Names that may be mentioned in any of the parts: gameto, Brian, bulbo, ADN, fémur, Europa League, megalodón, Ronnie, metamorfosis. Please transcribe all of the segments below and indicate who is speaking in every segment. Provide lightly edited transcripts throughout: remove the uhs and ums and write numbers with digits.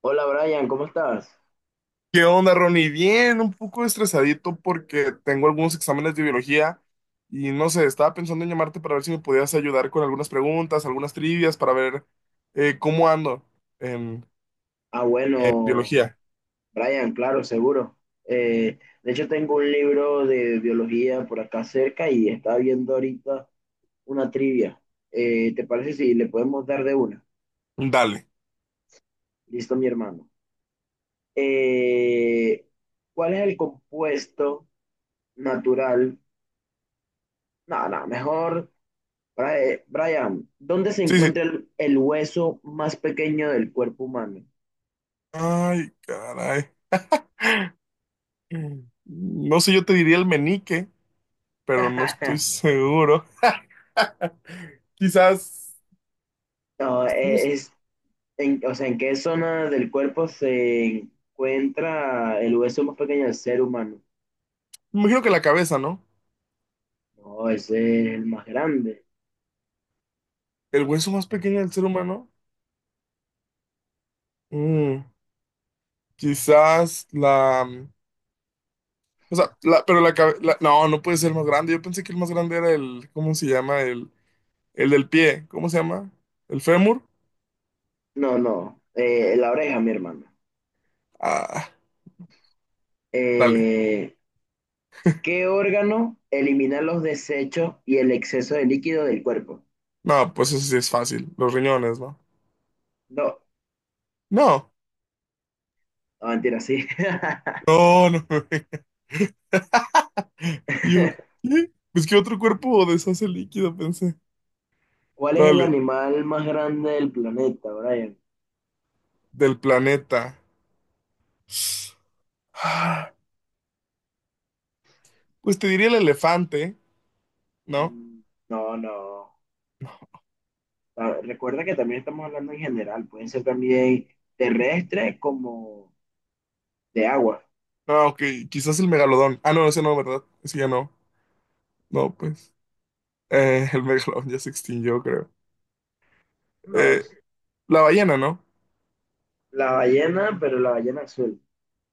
Speaker 1: Hola Brian, ¿cómo estás?
Speaker 2: ¿Qué onda, Ronnie? Bien, un poco estresadito porque tengo algunos exámenes de biología y no sé, estaba pensando en llamarte para ver si me podías ayudar con algunas preguntas, algunas trivias para ver cómo ando en,
Speaker 1: Ah,
Speaker 2: en
Speaker 1: bueno,
Speaker 2: biología.
Speaker 1: Brian, claro, seguro. Eh, de hecho, tengo un libro de biología por acá cerca y estaba viendo ahorita una trivia. ¿Te parece si le podemos dar de una?
Speaker 2: Dale.
Speaker 1: Listo, mi hermano. Eh, ¿Cuál es el compuesto natural? No, no, mejor, Brian, ¿dónde se
Speaker 2: Sí, sí.
Speaker 1: encuentra el hueso más pequeño del cuerpo humano?
Speaker 2: Ay, caray. Mm, No sé, yo te diría el menique, pero no estoy seguro. Quizás,
Speaker 1: No,
Speaker 2: no sé,
Speaker 1: es, en, o sea, ¿en qué zona del cuerpo se encuentra el hueso más pequeño del ser humano?
Speaker 2: Me imagino que la cabeza, ¿no?
Speaker 1: No, ese es el más grande.
Speaker 2: El hueso más pequeño del ser humano. Mm, Quizás la... O sea, pero la cabeza, no, no puede ser más grande. Yo pensé que el más grande era el, ¿cómo se llama? El del pie, ¿cómo se llama? ¿El fémur?
Speaker 1: No, no, la oreja, mi hermano.
Speaker 2: Ah, dale.
Speaker 1: Eh, ¿Qué órgano elimina los desechos y el exceso de líquido del cuerpo?
Speaker 2: No, pues eso sí es fácil. Los riñones, ¿no?
Speaker 1: No,
Speaker 2: No,
Speaker 1: no mentira, sí.
Speaker 2: no, no. Yo, ¿qué? Pues qué otro cuerpo deshace líquido, pensé.
Speaker 1: ¿Cuál es el
Speaker 2: Dale,
Speaker 1: animal más grande del planeta, Brian?
Speaker 2: del planeta. Ah, Pues te diría el elefante, ¿no?
Speaker 1: Mm, No, no. Ah, recuerda que también estamos hablando en general. Pueden ser también terrestres como de agua.
Speaker 2: No, ok, quizás el megalodón. Ah, no, ese no, ¿verdad? Ese ya no. No, pues. El megalodón ya se extinguió, creo.
Speaker 1: No,
Speaker 2: Eh, la ballena, ¿no?
Speaker 1: la ballena, pero la ballena azul.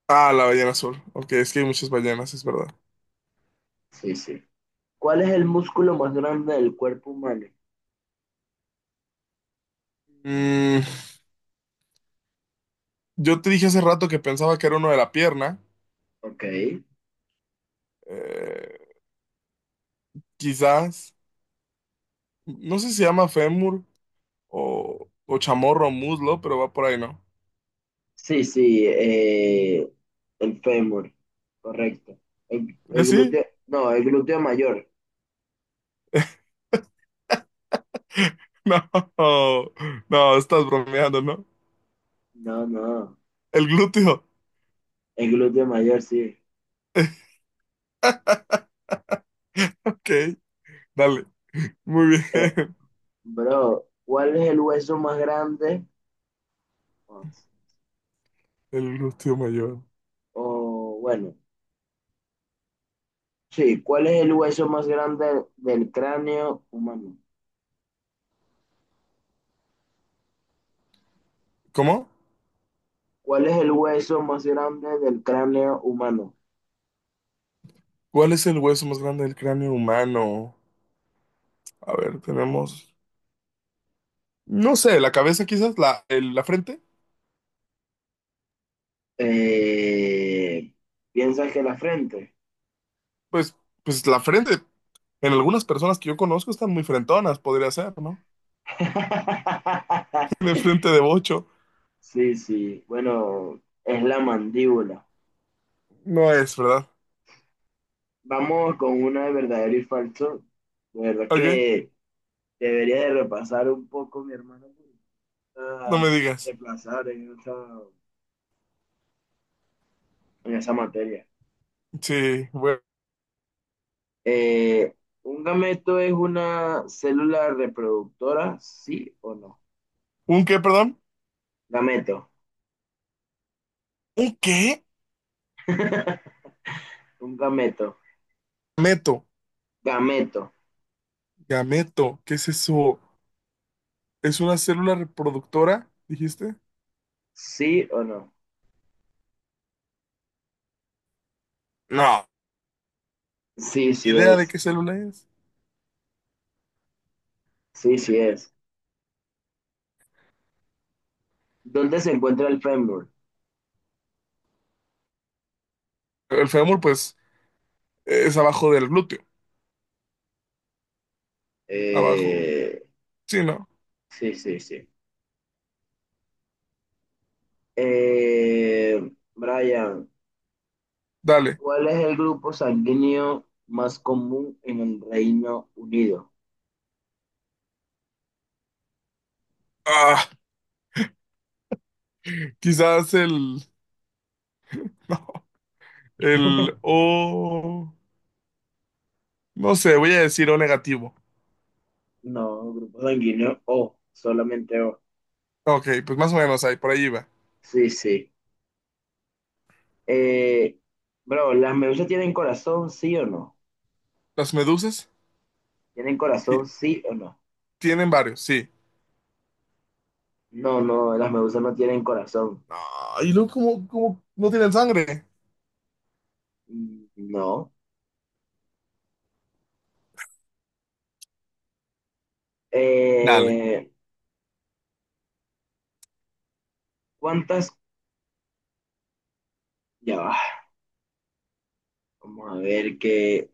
Speaker 2: Ah, la ballena azul. Ok, es que hay muchas ballenas, es verdad.
Speaker 1: Sí, sí. ¿Cuál es el músculo más grande del cuerpo humano?
Speaker 2: Mm, yo te dije hace rato que pensaba que era uno de la pierna.
Speaker 1: Ok.
Speaker 2: Eh, quizás, no sé si se llama fémur o chamorro o muslo, pero va por ahí, ¿no?
Speaker 1: Sí, sí, el fémur, correcto. El,
Speaker 2: ¿Eh,
Speaker 1: el
Speaker 2: sí?
Speaker 1: glúteo, no, el glúteo mayor.
Speaker 2: No, no, estás bromeando, ¿no?
Speaker 1: No, no,
Speaker 2: El glúteo.
Speaker 1: el glúteo mayor, sí.
Speaker 2: Ok, dale. Muy
Speaker 1: Eh,
Speaker 2: bien.
Speaker 1: bro, ¿cuál es el hueso más grande? O
Speaker 2: El glúteo mayor.
Speaker 1: o, bueno, sí, ¿cuál es el hueso más grande del cráneo humano?
Speaker 2: ¿Cómo?
Speaker 1: ¿Cuál es el hueso más grande del cráneo humano?
Speaker 2: ¿Cuál es el hueso más grande del cráneo humano? A ver, tenemos... No sé, la cabeza quizás, la frente,
Speaker 1: Eh, ¿Piensas que la frente?
Speaker 2: pues, pues la frente, en algunas personas que yo conozco están muy frentonas, podría ser, ¿no? De frente de bocho,
Speaker 1: Sí, sí. Bueno, es la mandíbula.
Speaker 2: no es, ¿verdad?
Speaker 1: Vamos con una de verdadero y falso. De verdad
Speaker 2: Ok,
Speaker 1: que debería de repasar un poco mi hermano porque no
Speaker 2: no
Speaker 1: está
Speaker 2: me digas.
Speaker 1: de plazar en esa materia.
Speaker 2: Sí, bueno.
Speaker 1: Eh, ¿Un gameto es una célula reproductora? ¿Sí o no?
Speaker 2: ¿Un qué, perdón?
Speaker 1: Gameto.
Speaker 2: ¿Un qué?
Speaker 1: Un gameto.
Speaker 2: Gameto,
Speaker 1: Gameto.
Speaker 2: gameto, ¿qué es eso? ¿Es una célula reproductora, dijiste?
Speaker 1: ¿Sí o no?
Speaker 2: No,
Speaker 1: Sí, sí
Speaker 2: idea de
Speaker 1: es.
Speaker 2: qué célula es.
Speaker 1: Sí, sí es. ¿Dónde se encuentra el fémur?
Speaker 2: El fémur, pues, es abajo del glúteo, abajo,
Speaker 1: Eh,
Speaker 2: sí, ¿no?
Speaker 1: sí, sí, sí. Brian,
Speaker 2: Dale.
Speaker 1: ¿cuál es el grupo sanguíneo más común en el Reino Unido?
Speaker 2: Ah, quizás el... El O. No sé, voy a decir O negativo.
Speaker 1: No, grupo sanguíneo O, solamente O.
Speaker 2: Ok, pues más o menos ahí, por ahí iba.
Speaker 1: Sí, sí. Eh, bro, ¿las medusas tienen corazón, sí o no?
Speaker 2: Las medusas
Speaker 1: ¿Tienen
Speaker 2: ti-
Speaker 1: corazón, sí o no?
Speaker 2: tienen varios, sí.
Speaker 1: No, no, las medusas no tienen corazón.
Speaker 2: Ah, y luego, ¿cómo, cómo no tienen sangre?
Speaker 1: Mm. No.
Speaker 2: Dale.
Speaker 1: Eh, ¿Cuántas? Ya va. Vamos a ver que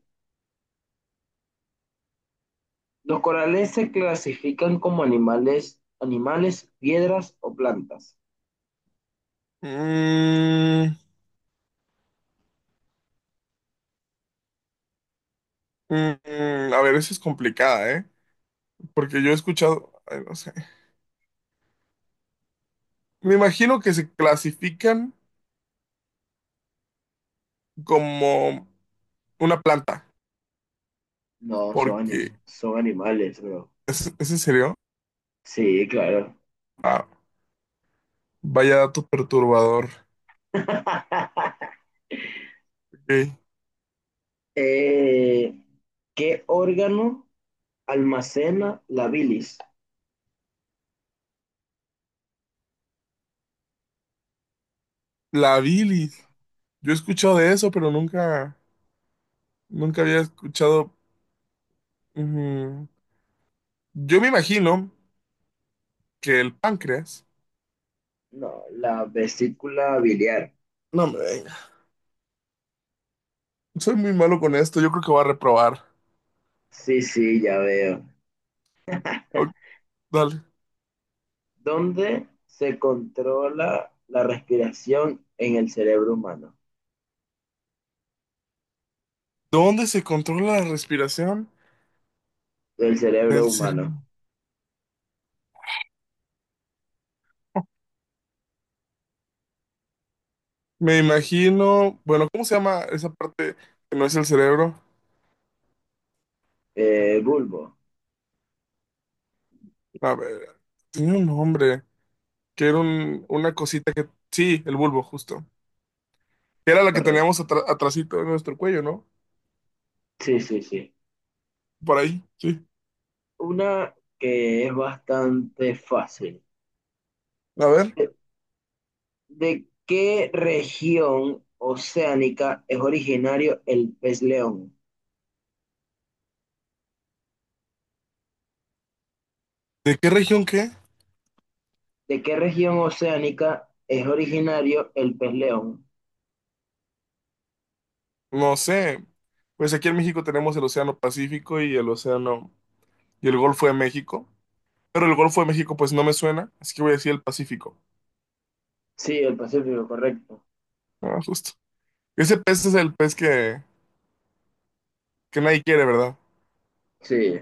Speaker 1: los corales se clasifican como animales, animales, piedras o plantas.
Speaker 2: Mm, a ver, esa es complicada, ¿eh? Porque yo he escuchado. Ay, no sé. Me imagino que se clasifican como una planta,
Speaker 1: No, son,
Speaker 2: porque.
Speaker 1: son animales, bro.
Speaker 2: Es en serio?
Speaker 1: Sí, claro.
Speaker 2: Ah, vaya dato perturbador. Ok.
Speaker 1: Eh, ¿qué órgano almacena la bilis?
Speaker 2: La bilis. Yo he escuchado de eso, pero nunca había escuchado. Ujú. Yo me imagino que el páncreas.
Speaker 1: No, la vesícula biliar.
Speaker 2: No me venga. Soy muy malo con esto. Yo creo que voy a reprobar.
Speaker 1: Sí, sí, ya veo.
Speaker 2: Ok, dale.
Speaker 1: ¿Dónde se controla la respiración en el cerebro humano?
Speaker 2: ¿Dónde se controla la respiración?
Speaker 1: Del
Speaker 2: En el
Speaker 1: cerebro humano.
Speaker 2: cerebro. Me imagino. Bueno, ¿cómo se llama esa parte que no es el cerebro?
Speaker 1: Bulbo,
Speaker 2: A ver, tenía un nombre. Que era una cosita que. Sí, el bulbo, justo. Era la que teníamos
Speaker 1: correcto.
Speaker 2: atrasito en nuestro cuello, ¿no?
Speaker 1: Sí, sí, sí.
Speaker 2: Por ahí, sí.
Speaker 1: Una que es bastante fácil.
Speaker 2: A ver.
Speaker 1: ¿De, de qué región oceánica es originario el pez león?
Speaker 2: ¿De qué región qué?
Speaker 1: ¿De qué región oceánica es originario el pez león?
Speaker 2: No sé, pues aquí en México tenemos el Océano Pacífico y el Océano y el Golfo de México, pero el Golfo de México pues no me suena, así que voy a decir el Pacífico.
Speaker 1: Sí, el Pacífico, correcto.
Speaker 2: Ah, justo. Ese pez es el pez que nadie quiere, ¿verdad?
Speaker 1: Sí.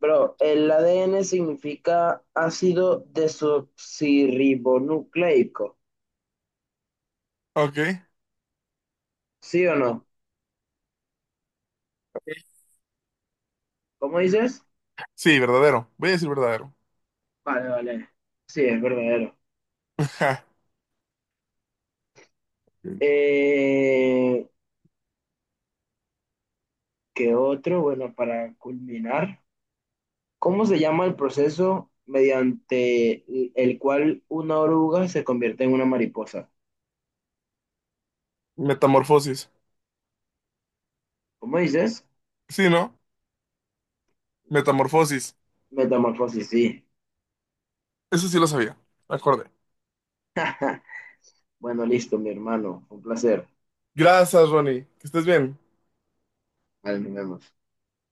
Speaker 1: Bro, el ADN significa ácido desoxirribonucleico.
Speaker 2: Ok.
Speaker 1: ¿Sí o no? ¿Cómo dices?
Speaker 2: Sí, verdadero. Voy a decir verdadero.
Speaker 1: Vale, vale. Sí, es verdadero.
Speaker 2: Ja.
Speaker 1: Eh, que otro, bueno, para culminar, ¿cómo se llama el proceso mediante el cual una oruga se convierte en una mariposa?
Speaker 2: Metamorfosis.
Speaker 1: ¿Cómo dices?
Speaker 2: Sí, ¿no? Metamorfosis.
Speaker 1: Metamorfosis, sí.
Speaker 2: Eso sí lo sabía. Me acordé.
Speaker 1: Ja, bueno, listo, mi hermano. Un placer.
Speaker 2: Gracias, Ronnie. Que estés bien.
Speaker 1: Ahí nos vemos.